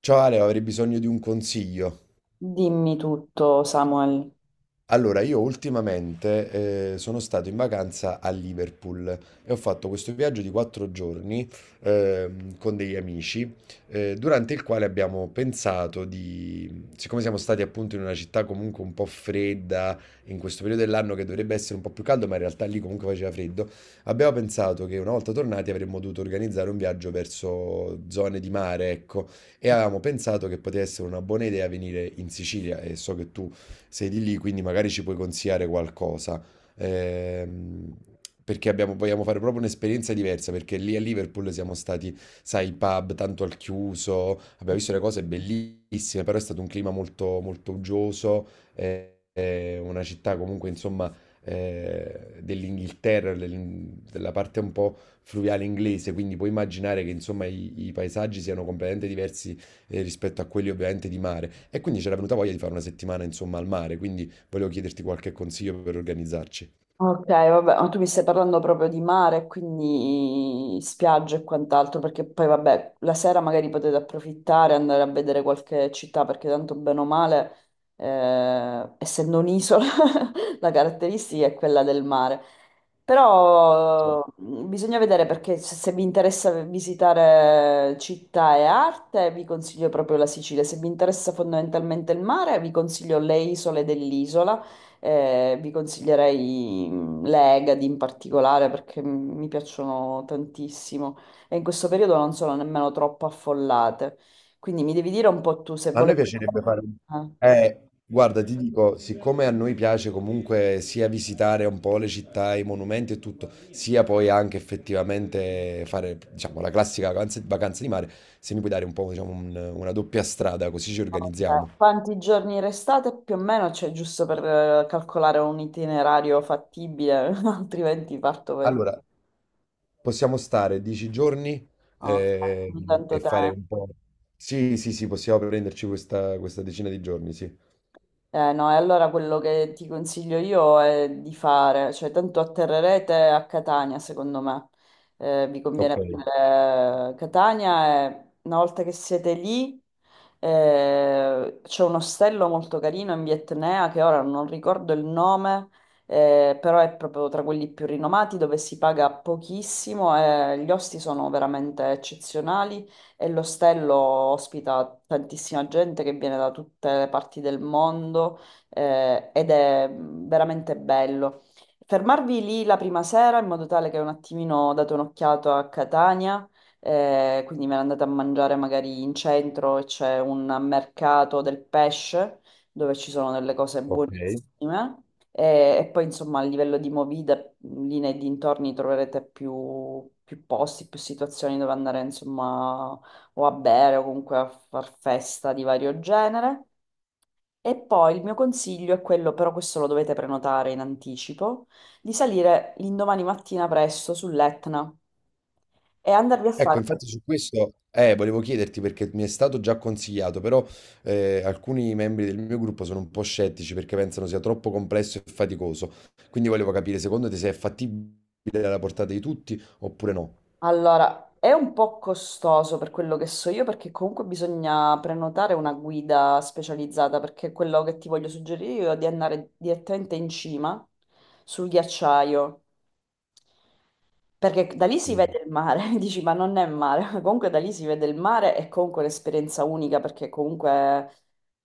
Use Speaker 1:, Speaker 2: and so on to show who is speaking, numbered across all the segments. Speaker 1: Ciao Ale, avrei bisogno di un consiglio.
Speaker 2: Dimmi tutto, Samuel.
Speaker 1: Allora, io ultimamente sono stato in vacanza a Liverpool e ho fatto questo viaggio di 4 giorni con degli amici, durante il quale abbiamo pensato di, siccome siamo stati appunto in una città comunque un po' fredda, in questo periodo dell'anno che dovrebbe essere un po' più caldo, ma in realtà lì comunque faceva freddo, abbiamo pensato che una volta tornati avremmo dovuto organizzare un viaggio verso zone di mare, ecco, e avevamo pensato che potesse essere una buona idea venire in Sicilia e so che tu sei di lì, quindi magari ci puoi consigliare qualcosa. Ehm, Vogliamo fare proprio un'esperienza diversa, perché lì a Liverpool siamo stati, sai, pub tanto al chiuso, abbiamo visto le cose bellissime, però è stato un clima molto, molto uggioso, una città comunque, insomma, della parte un po' fluviale inglese, quindi puoi immaginare che insomma i paesaggi siano completamente diversi rispetto a quelli ovviamente di mare. E quindi c'era venuta voglia di fare una settimana insomma al mare, quindi volevo chiederti qualche consiglio per organizzarci.
Speaker 2: Ok, vabbè, ma tu mi stai parlando proprio di mare, quindi spiagge e quant'altro, perché poi vabbè, la sera magari potete approfittare, andare a vedere qualche città, perché tanto bene o male, essendo un'isola, la caratteristica è quella del mare. Però mm, bisogna vedere perché se vi interessa visitare città e arte, vi consiglio proprio la Sicilia. Se vi interessa fondamentalmente il mare, vi consiglio le isole dell'isola. Vi consiglierei mm, l'Egadi in particolare perché mm, mi piacciono tantissimo e in questo periodo non sono nemmeno troppo affollate. Quindi mi devi dire un po' tu se
Speaker 1: A noi
Speaker 2: volete
Speaker 1: piacerebbe fare...
Speaker 2: eh,
Speaker 1: Eh, guarda, ti dico, siccome a noi piace comunque sia visitare un po' le città, i monumenti e tutto, sia poi anche effettivamente fare, diciamo, la classica vacanza, vacanza di mare, se mi puoi dare un po', diciamo, una doppia strada, così ci organizziamo.
Speaker 2: quanti giorni restate più o meno, cioè giusto per calcolare un itinerario fattibile, altrimenti parto per
Speaker 1: Allora, possiamo stare 10 giorni
Speaker 2: oh,
Speaker 1: eh,
Speaker 2: tanto
Speaker 1: e fare un
Speaker 2: tempo.
Speaker 1: po'. Sì, sì, sì, possiamo prenderci questa decina di giorni, sì.
Speaker 2: No, e allora quello che ti consiglio io è di fare, cioè tanto atterrerete a Catania, secondo me. Vi
Speaker 1: Ok,
Speaker 2: conviene prendere Catania e una volta che siete lì c'è un ostello molto carino in via Etnea che ora non ricordo il nome, però è proprio tra quelli più rinomati dove si paga pochissimo e gli osti sono veramente eccezionali e l'ostello ospita tantissima gente che viene da tutte le parti del mondo ed è veramente bello. Fermarvi lì la prima sera in modo tale che un attimino date un'occhiata a Catania, quindi me ne andate a mangiare magari in centro e c'è un mercato del pesce dove ci sono delle cose
Speaker 1: ok.
Speaker 2: buonissime. E poi insomma a livello di movida, lì nei dintorni troverete più posti, più situazioni dove andare insomma o a bere o comunque a far festa di vario genere. E poi il mio consiglio è quello, però questo lo dovete prenotare in anticipo, di salire l'indomani mattina presto sull'Etna e andarvi a
Speaker 1: Ecco,
Speaker 2: fare...
Speaker 1: infatti su questo volevo chiederti perché mi è stato già consigliato, però alcuni membri del mio gruppo sono un po' scettici perché pensano sia troppo complesso e faticoso. Quindi volevo capire, secondo te, se è fattibile alla portata di tutti oppure no?
Speaker 2: Allora, è un po' costoso per quello che so io, perché comunque bisogna prenotare una guida specializzata, perché quello che ti voglio suggerire io è di andare direttamente in cima sul ghiacciaio. Perché da lì si
Speaker 1: Mm.
Speaker 2: vede il mare, dici, ma non è mare, comunque da lì si vede il mare è comunque un'esperienza unica perché comunque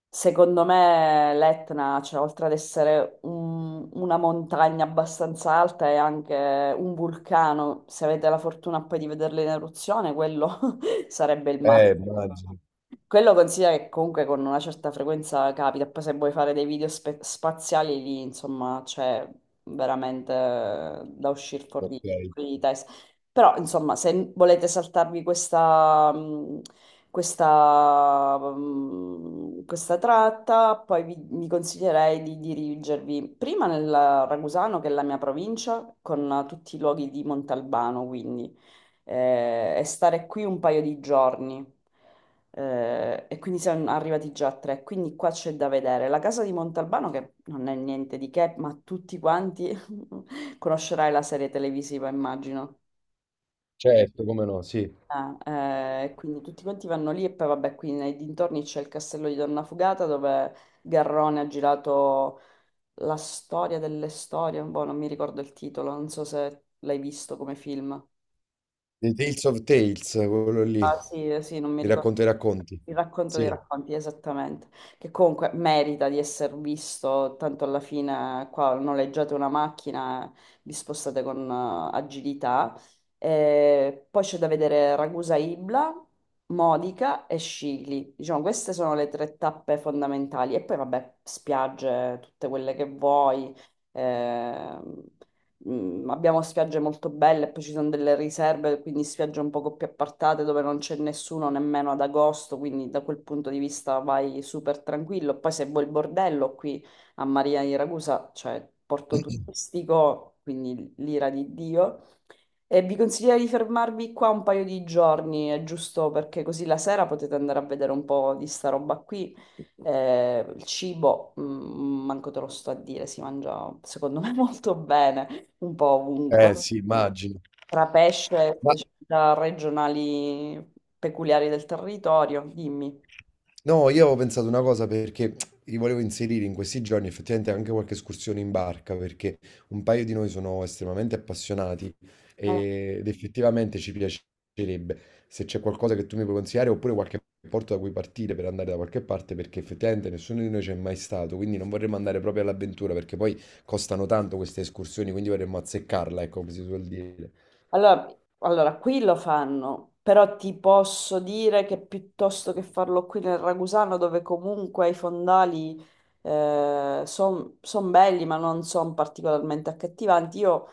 Speaker 2: secondo me l'Etna, cioè oltre ad essere una montagna abbastanza alta è anche un vulcano, se avete la fortuna poi di vederlo in eruzione, quello sarebbe il massimo.
Speaker 1: Immagino.
Speaker 2: Quello considera che comunque con una certa frequenza capita, poi se vuoi fare dei video spaziali lì, insomma, c'è veramente da uscire fuori,
Speaker 1: Ok,
Speaker 2: fuori di testa. Però, insomma, se volete saltarvi questa, questa tratta, poi vi consiglierei di dirigervi prima nel Ragusano, che è la mia provincia, con tutti i luoghi di Montalbano, quindi, e stare qui un paio di giorni. E quindi sono arrivati già a tre, quindi qua c'è da vedere. La casa di Montalbano, che non è niente di che, ma tutti quanti conoscerai la serie televisiva, immagino.
Speaker 1: certo, come no, sì.
Speaker 2: Ah, quindi tutti quanti vanno lì e poi vabbè, qui nei dintorni c'è il castello di Donna Fugata dove Garrone ha girato la storia delle storie, boh, non mi ricordo il titolo, non so se l'hai visto come film.
Speaker 1: The Tales of Tales, quello lì,
Speaker 2: Ah, sì, sì, non mi
Speaker 1: i
Speaker 2: ricordo.
Speaker 1: racconti e racconti.
Speaker 2: Il racconto dei
Speaker 1: Sì,
Speaker 2: racconti, esattamente, che comunque merita di essere visto, tanto alla fine qua noleggiate una macchina, vi spostate con agilità. Poi c'è da vedere Ragusa Ibla, Modica e Scicli. Diciamo, queste sono le tre tappe fondamentali. E poi vabbè, spiagge, tutte quelle che vuoi. ehm, Abbiamo spiagge molto belle, poi ci sono delle riserve, quindi spiagge un poco più appartate dove non c'è nessuno nemmeno ad agosto, quindi da quel punto di vista vai super tranquillo. Poi se vuoi il bordello qui a Maria di Ragusa, cioè porto turistico, quindi l'ira di Dio. E vi consiglio di fermarvi qua un paio di giorni, è giusto perché così la sera potete andare a vedere un po' di sta roba qui. Il cibo, mm, manco te lo sto a dire, si mangia secondo me molto bene un po' ovunque,
Speaker 1: eh sì, immagino.
Speaker 2: tra pesce
Speaker 1: Ma
Speaker 2: e specialità regionali peculiari del territorio, dimmi.
Speaker 1: No, io avevo pensato una cosa perché li volevo inserire in questi giorni effettivamente anche qualche escursione in barca perché un paio di noi sono estremamente appassionati
Speaker 2: Eh.
Speaker 1: ed effettivamente ci piacerebbe se c'è qualcosa che tu mi puoi consigliare oppure qualche porto da cui partire per andare da qualche parte perché effettivamente nessuno di noi c'è mai stato, quindi non vorremmo andare proprio all'avventura perché poi costano tanto queste escursioni, quindi vorremmo azzeccarla, ecco come si suol dire.
Speaker 2: Allora, allora, qui lo fanno, però ti posso dire che piuttosto che farlo qui nel Ragusano, dove comunque i fondali sono belli, ma non sono particolarmente accattivanti, io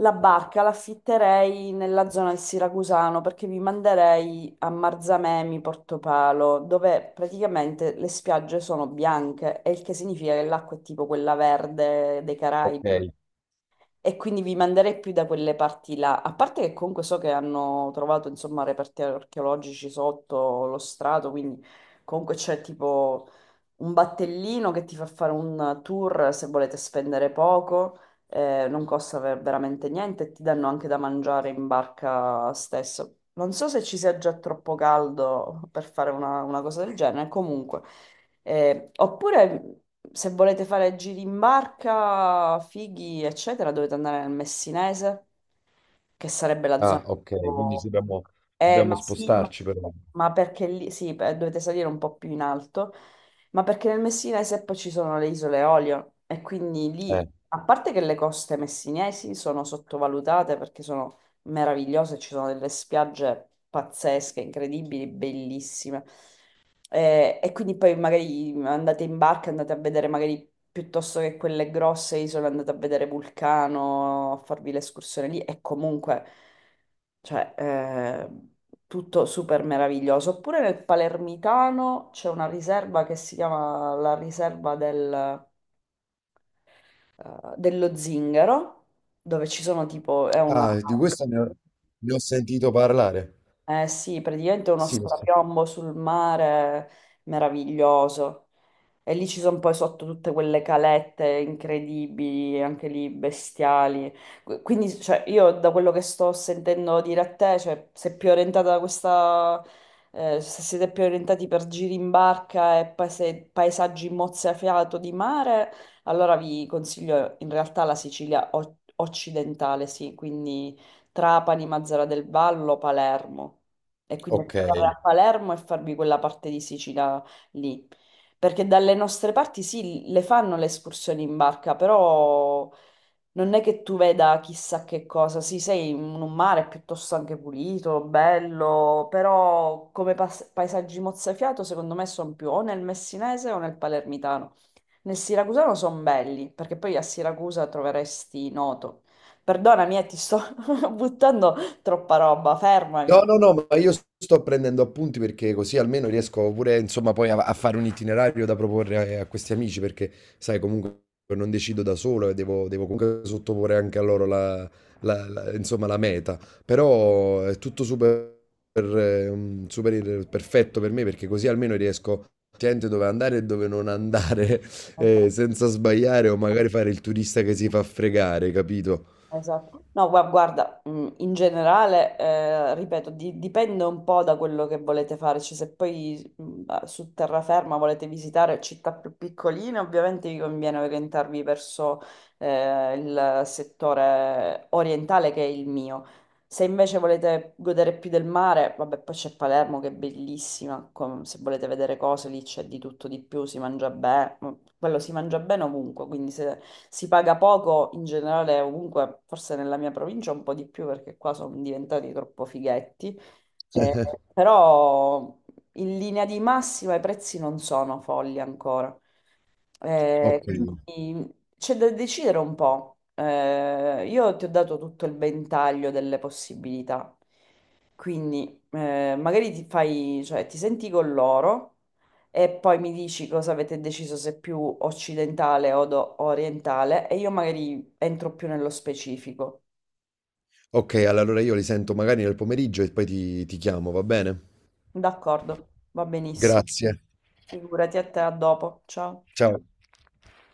Speaker 2: la barca l'affitterei nella zona del Siracusano perché vi manderei a Marzamemi, Portopalo, dove praticamente le spiagge sono bianche, e il che significa che l'acqua è tipo quella verde dei
Speaker 1: Ok,
Speaker 2: Caraibi. E quindi vi manderei più da quelle parti là. A parte che comunque so che hanno trovato, insomma, reperti archeologici sotto lo strato, quindi comunque c'è tipo un battellino che ti fa fare un tour se volete spendere poco, non costa veramente niente e ti danno anche da mangiare in barca stesso. Non so se ci sia già troppo caldo per fare una cosa del genere, comunque. Oppure se volete fare giri in barca, fighi, eccetera, dovete andare nel Messinese, che sarebbe la zona
Speaker 1: ah, ok,
Speaker 2: più eh,
Speaker 1: dobbiamo
Speaker 2: ma sì, ma,
Speaker 1: spostarci però.
Speaker 2: ma perché lì sì, dovete salire un po' più in alto ma perché nel Messinese poi ci sono le isole Eolie e quindi
Speaker 1: Eh.
Speaker 2: lì, a parte che le coste messinesi sono sottovalutate perché sono meravigliose, ci sono delle spiagge pazzesche, incredibili, bellissime. Quindi poi magari andate in barca, andate a vedere magari piuttosto che quelle grosse isole, andate a vedere Vulcano, a farvi l'escursione lì e comunque cioè eh, tutto super meraviglioso. Oppure nel Palermitano c'è una riserva che si chiama la riserva dello Zingaro, dove ci sono tipo, è una,
Speaker 1: Ah, di questo ne ho sentito parlare.
Speaker 2: eh sì, praticamente uno
Speaker 1: Sì, ne ho sen-
Speaker 2: strapiombo sul mare meraviglioso. E lì ci sono poi sotto tutte quelle calette incredibili, anche lì bestiali. Quindi, cioè, io da quello che sto sentendo dire a te, cioè, sei più orientata da questa... Se siete più orientati per giri in barca e paesaggi mozzafiato di mare, allora vi consiglio in realtà la Sicilia occidentale, sì, quindi Trapani, Mazara del Vallo, Palermo. E quindi
Speaker 1: ok.
Speaker 2: andare a Palermo e farvi quella parte di Sicilia lì. Perché dalle nostre parti sì, le fanno le escursioni in barca, però non è che tu veda chissà che cosa. Sì, sei in un mare piuttosto anche pulito, bello, però come paesaggi mozzafiato secondo me sono più o nel messinese o nel palermitano. Nel siracusano sono belli, perché poi a Siracusa troveresti Noto. Perdonami, ti sto buttando troppa roba, fermami.
Speaker 1: No, no, no, ma io sto prendendo appunti perché così almeno riesco pure, insomma, poi a, a fare un itinerario da proporre a, a questi amici perché, sai, comunque non decido da solo e devo comunque sottoporre anche a loro insomma, la meta. Però è tutto super, super perfetto per me perché così almeno riesco a scegliere dove andare e dove non andare senza sbagliare o magari fare il turista che si fa fregare, capito?
Speaker 2: Esatto. No, guarda, in generale, ripeto, dipende un po' da quello che volete fare, cioè se poi su terraferma volete visitare città più piccoline, ovviamente vi conviene orientarvi verso il settore orientale che è il mio. Se invece volete godere più del mare, vabbè, poi c'è Palermo che è bellissima, se volete vedere cose lì c'è di tutto di più, si mangia bene, quello si mangia bene ovunque, quindi se si paga poco in generale ovunque, forse nella mia provincia un po' di più perché qua sono diventati troppo fighetti, Eh, però in linea di massima i prezzi non sono folli ancora.
Speaker 1: Ok.
Speaker 2: Quindi c'è da decidere un po'. Io ti ho dato tutto il ventaglio delle possibilità, quindi magari ti fai, cioè, ti senti con loro e poi mi dici cosa avete deciso, se più occidentale o orientale, e io magari entro più nello specifico.
Speaker 1: Ok, allora io li sento magari nel pomeriggio e poi ti chiamo, va bene?
Speaker 2: D'accordo, va benissimo.
Speaker 1: Grazie.
Speaker 2: Figurati a te, a dopo. Ciao.
Speaker 1: Ciao.